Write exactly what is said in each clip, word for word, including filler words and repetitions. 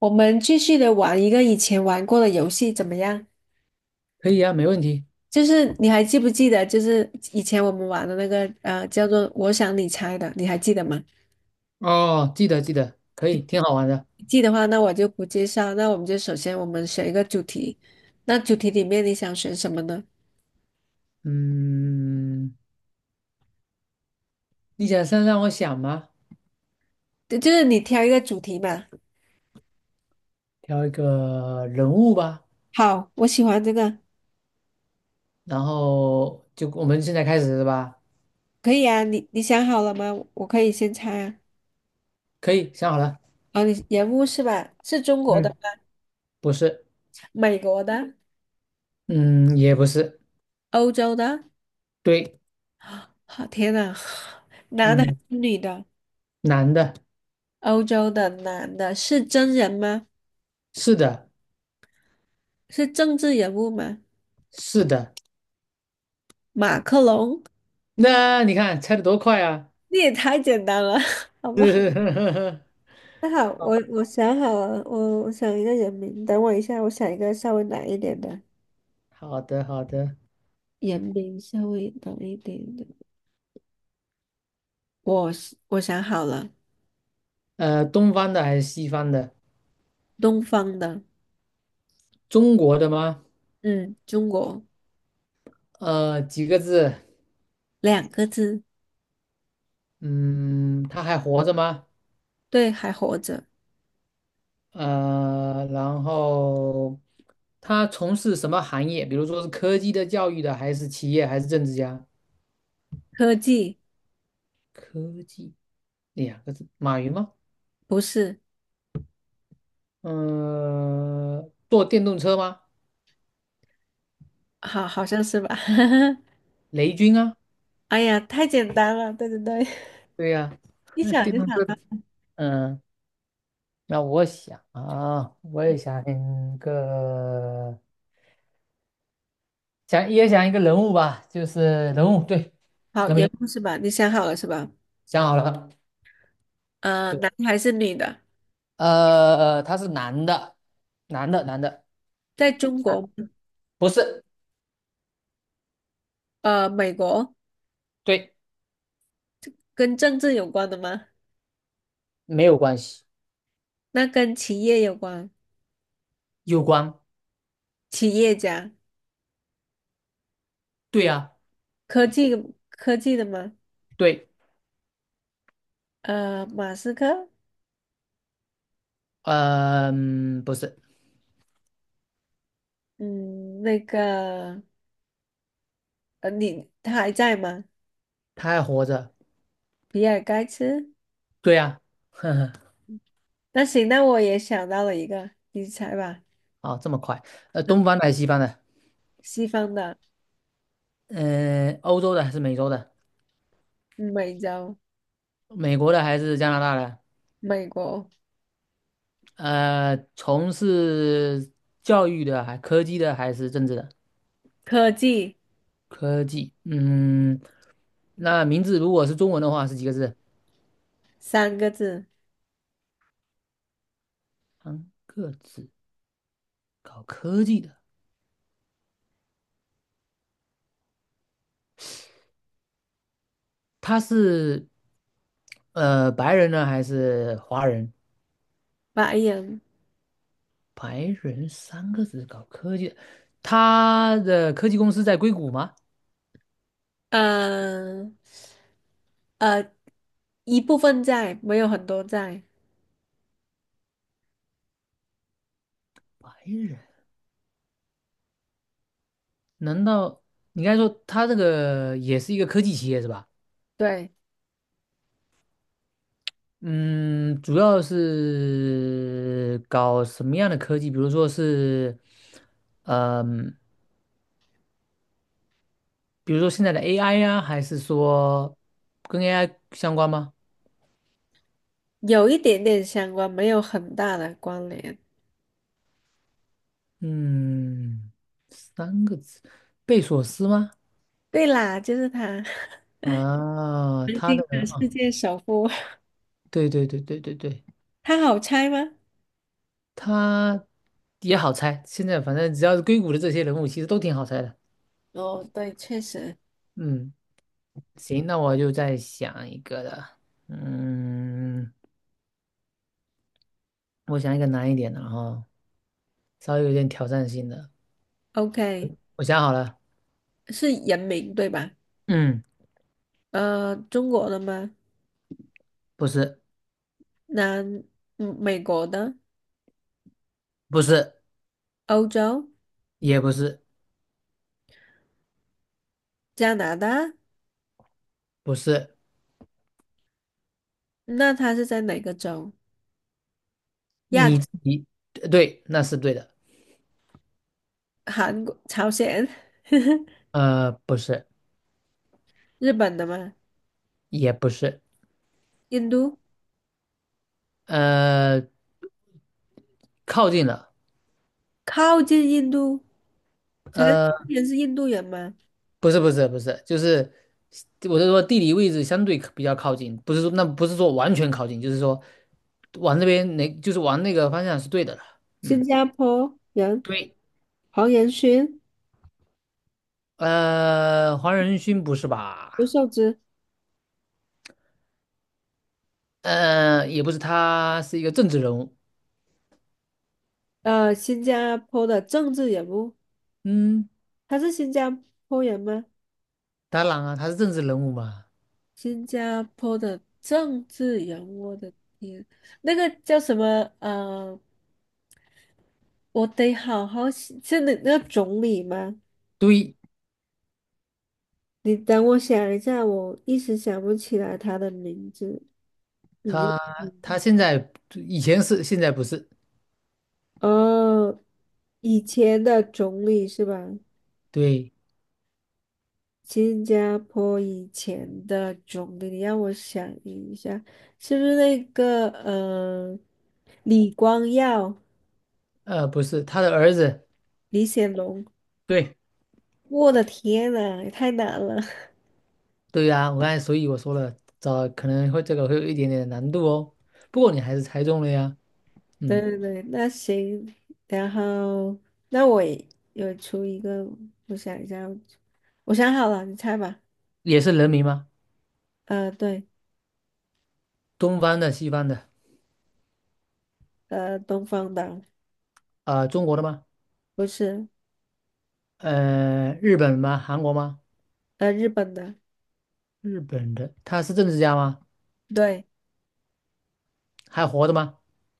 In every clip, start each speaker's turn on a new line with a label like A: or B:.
A: 我们继续的玩一个以前玩过的游戏，怎么样？
B: 可以啊，没问题。
A: 就是你还记不记得，就是以前我们玩的那个呃，叫做"我想你猜"的，你还记得吗？
B: 哦，记得记得，可以，挺好玩的。
A: 记得话，那我就不介绍。那我们就首先我们选一个主题，那主题里面你想选什么呢？
B: 嗯，你想先让我想吗？
A: 就就是你挑一个主题嘛。
B: 挑一个人物吧，
A: 好，我喜欢这个，
B: 然后就我们现在开始是吧？
A: 可以啊。你你想好了吗？我可以先猜啊。
B: 可以，想好了。
A: 哦，你人物是吧？是中国的
B: 嗯，
A: 吗？
B: 不是，
A: 美国的、
B: 嗯，也不是，
A: 欧洲的？
B: 对，
A: 好，天呐，
B: 嗯，
A: 女的。
B: 男的，
A: 欧洲的男的是真人吗？
B: 是的，
A: 是政治人物吗？
B: 是的。
A: 马克龙？
B: 那你看猜的多快啊！
A: 你也太简单了，好吧？那好，我我想好了，我我想一个人名，等我一下，我想一个稍微难一点的
B: 好的，好的。
A: 人名，稍微难一点的。我是我想好了，
B: 呃，东方的还是西方的？
A: 东方的，
B: 中国的吗？
A: 嗯，中国，
B: 呃，几个字？
A: 两个字，
B: 嗯，他还活着吗？
A: 对，还活着。
B: 呃，然后他从事什么行业？比如说是科技的、教育的，还是企业，还是政治家？
A: 科技，
B: 科技两个字，马云吗？
A: 不是，
B: 呃，坐电动车吗？
A: 好，好像是吧？
B: 雷军啊，
A: 哎呀，太简单了，对对对，
B: 对呀、
A: 一
B: 那
A: 想
B: 电
A: 就
B: 动
A: 想。
B: 车。嗯，那我想啊，我也想一个，想也想一个人物吧，就是人物，对，
A: 好，
B: 人
A: 也
B: 名
A: 不是吧？你想好了是吧？
B: 想好了。
A: 呃，
B: 对。
A: 男还是女的？
B: 呃，他是男的，男的，男的，
A: 在中
B: 啊，
A: 国，
B: 不是，
A: 呃，美国。
B: 对，
A: 跟政治有关的吗？
B: 没有关系，
A: 那跟企业有关，
B: 有关，
A: 企业家，
B: 对呀，
A: 科技。科技的吗？
B: 对，
A: 呃，马斯克，
B: 嗯，不是，
A: 嗯，那个，呃，你他还在吗？
B: 他还活着，
A: 比尔盖茨？
B: 对呀，呵呵，
A: 那行，那我也想到了一个，你猜吧，
B: 哦，这么快，呃，东方的还是西方的？
A: 西方的，
B: 嗯、欧洲的还是美洲的？
A: 美洲，
B: 美国的还是加拿大的？
A: 美国，
B: 呃，从事教育的，还科技的，还是政治的？
A: 科技，
B: 科技，嗯，那名字如果是中文的话是几个字？
A: 三个字，
B: 三个字，搞科技的。他是呃白人呢还是华人？
A: 白人，
B: 白人三个字搞科技，他的科技公司在硅谷吗？
A: 嗯、呃。一部分在，没有很多在。
B: 白人？难道你刚才说他这个也是一个科技企业是吧？
A: 对，
B: 嗯，主要是搞什么样的科技？比如说是，嗯、比如说现在的 A I 呀、还是说跟 A I 相关吗？
A: 有一点点相关，没有很大的关联。
B: 嗯，三个字，贝索斯吗？
A: 对啦，就是他，
B: 啊，
A: 南
B: 他的
A: 京的世界首富，
B: 对对对对对对，
A: 他好猜吗？
B: 他也好猜。现在反正只要是硅谷的这些人物，其实都挺好猜的。
A: 哦，对，确实
B: 嗯，行，那我就再想一个了。嗯，我想一个难一点的哈，稍微有点挑战性的。
A: ，OK，
B: 我想好了，
A: 是人名对吧？
B: 嗯，
A: 呃，中国的吗？
B: 不是，
A: 南，嗯美国的，
B: 不是，
A: 欧洲，
B: 也不是，
A: 加拿大，
B: 不是，
A: 那他是在哪个州？亚洲，
B: 你自己呃对，那是对的。
A: 韩国，朝鲜，
B: 呃，不是，
A: 日本的吗？
B: 也不是，
A: 印度，
B: 呃，靠近了。
A: 靠近印度。陈思
B: 呃。
A: 诚是印度人吗？
B: 不是不是不是，就是我是说地理位置相对比较靠近，不是说那不是说完全靠近，就是说往那边那就是往那个方向是对的了。
A: 新
B: 嗯，
A: 加坡人，
B: 对，
A: 黄仁勋、
B: 呃，黄仁勋不是
A: 刘
B: 吧？
A: 寿之，
B: 呃，也不是，他是一个政治人物。
A: 呃，新加坡的政治人物，
B: 嗯，
A: 他是新加坡人吗？
B: 当然啊，他是政治人物嘛。
A: 新加坡的政治人物，我的天，那个叫什么？呃，我得好好想，是那那个总理吗？
B: 对，
A: 你等我想一下，我一时想不起来他的名字。你
B: 他
A: 嗯
B: 他现在以前是，现在不是。
A: 哦，以前的总理是吧？
B: 对，
A: 新加坡以前的总理，你让我想一下，是不是那个呃，李光耀、
B: 呃，不是他的儿子。
A: 李显龙？
B: 对，
A: 我的天呐，也太难了。
B: 对呀，我刚才所以我说了，找可能会这个会有一点点难度哦。不过你还是猜中了呀，
A: 对
B: 嗯，
A: 对对，那行，然后那我也有出一个，我想一下，我想好了，你猜吧。
B: 也是人名吗？
A: 呃，对，
B: 东方的、西方的，
A: 呃，东方的。
B: 呃，中国的吗？
A: 不是，
B: 呃，日本吗？韩国吗？
A: 呃，日本的，
B: 日本的，他是政治家吗？
A: 对。
B: 还活着吗？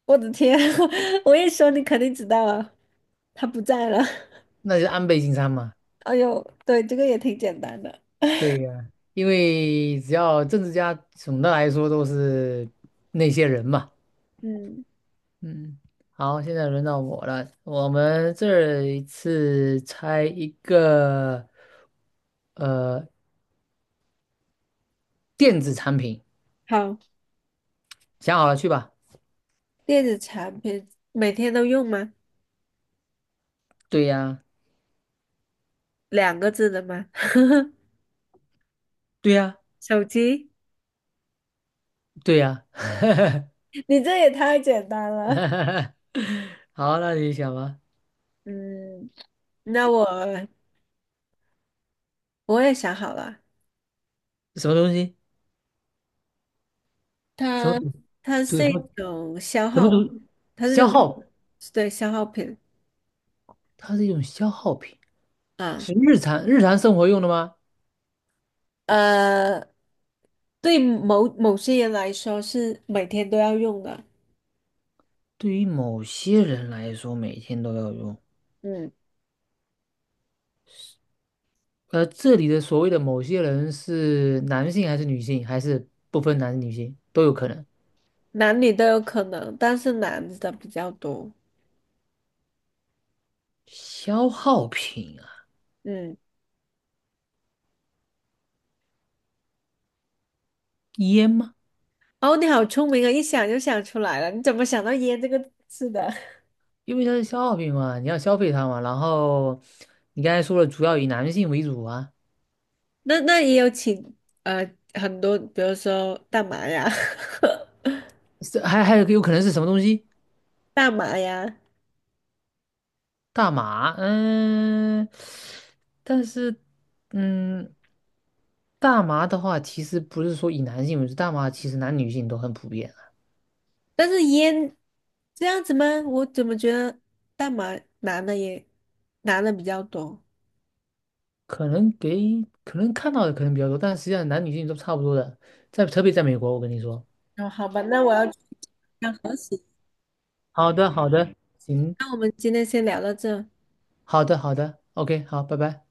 A: 我的天，我一说你肯定知道了，他不在了。
B: 那就是安倍晋三嘛。
A: 哎呦，对，这个也挺简单的。
B: 对呀，因为只要政治家，总的来说都是那些人嘛。
A: 嗯，
B: 嗯，好，现在轮到我了，我们这一次猜一个。呃，电子产品，
A: 好，
B: 想好了去吧。
A: 电子产品每天都用吗？
B: 对呀，
A: 两个字的吗？
B: 对呀，
A: 手机？
B: 对呀。
A: 你这也太简单了。
B: 好，那你想吧，
A: 嗯，那我我也想好了，
B: 什么东西？什么
A: 它它
B: 主什
A: 是
B: 么
A: 一种消
B: 什么
A: 耗，
B: 主？
A: 它是这
B: 消
A: 种。
B: 耗，
A: 对，消耗品
B: 它是一种消耗品，
A: 啊，
B: 是日常日常生活用的吗？
A: 呃，对某某些人来说是每天都要用的，
B: 对于某些人来说，每天都要用。
A: 嗯，
B: 呃，这里的所谓的某些人是男性还是女性，还是不分男女性都有可能？
A: 男女都有可能，但是男的比较多。
B: 消耗品啊，
A: 嗯。
B: 烟吗？
A: 哦，你好聪明啊，一想就想出来了。你怎么想到"烟"这个字的？
B: 因为它是消耗品嘛，你要消费它嘛。然后你刚才说了，主要以男性为主啊，
A: 那那也有请呃很多，比如说大麻呀、
B: 是还还有有可能是什么东西？
A: 大麻呀，
B: 大麻，嗯，但是嗯，大麻的话，其实不是说以男性为主，大麻其实男女性都很普遍啊。
A: 但是烟这样子吗？我怎么觉得大麻男的也男的比较多？
B: 可能给可能看到的可能比较多，但实际上男女性都差不多的，在特别在美国，我跟你说。
A: 哦，好吧，那我要去要核实。
B: 好的，好的，行，
A: 那我们今天先聊到这。
B: 好的，好的，OK，好，拜拜。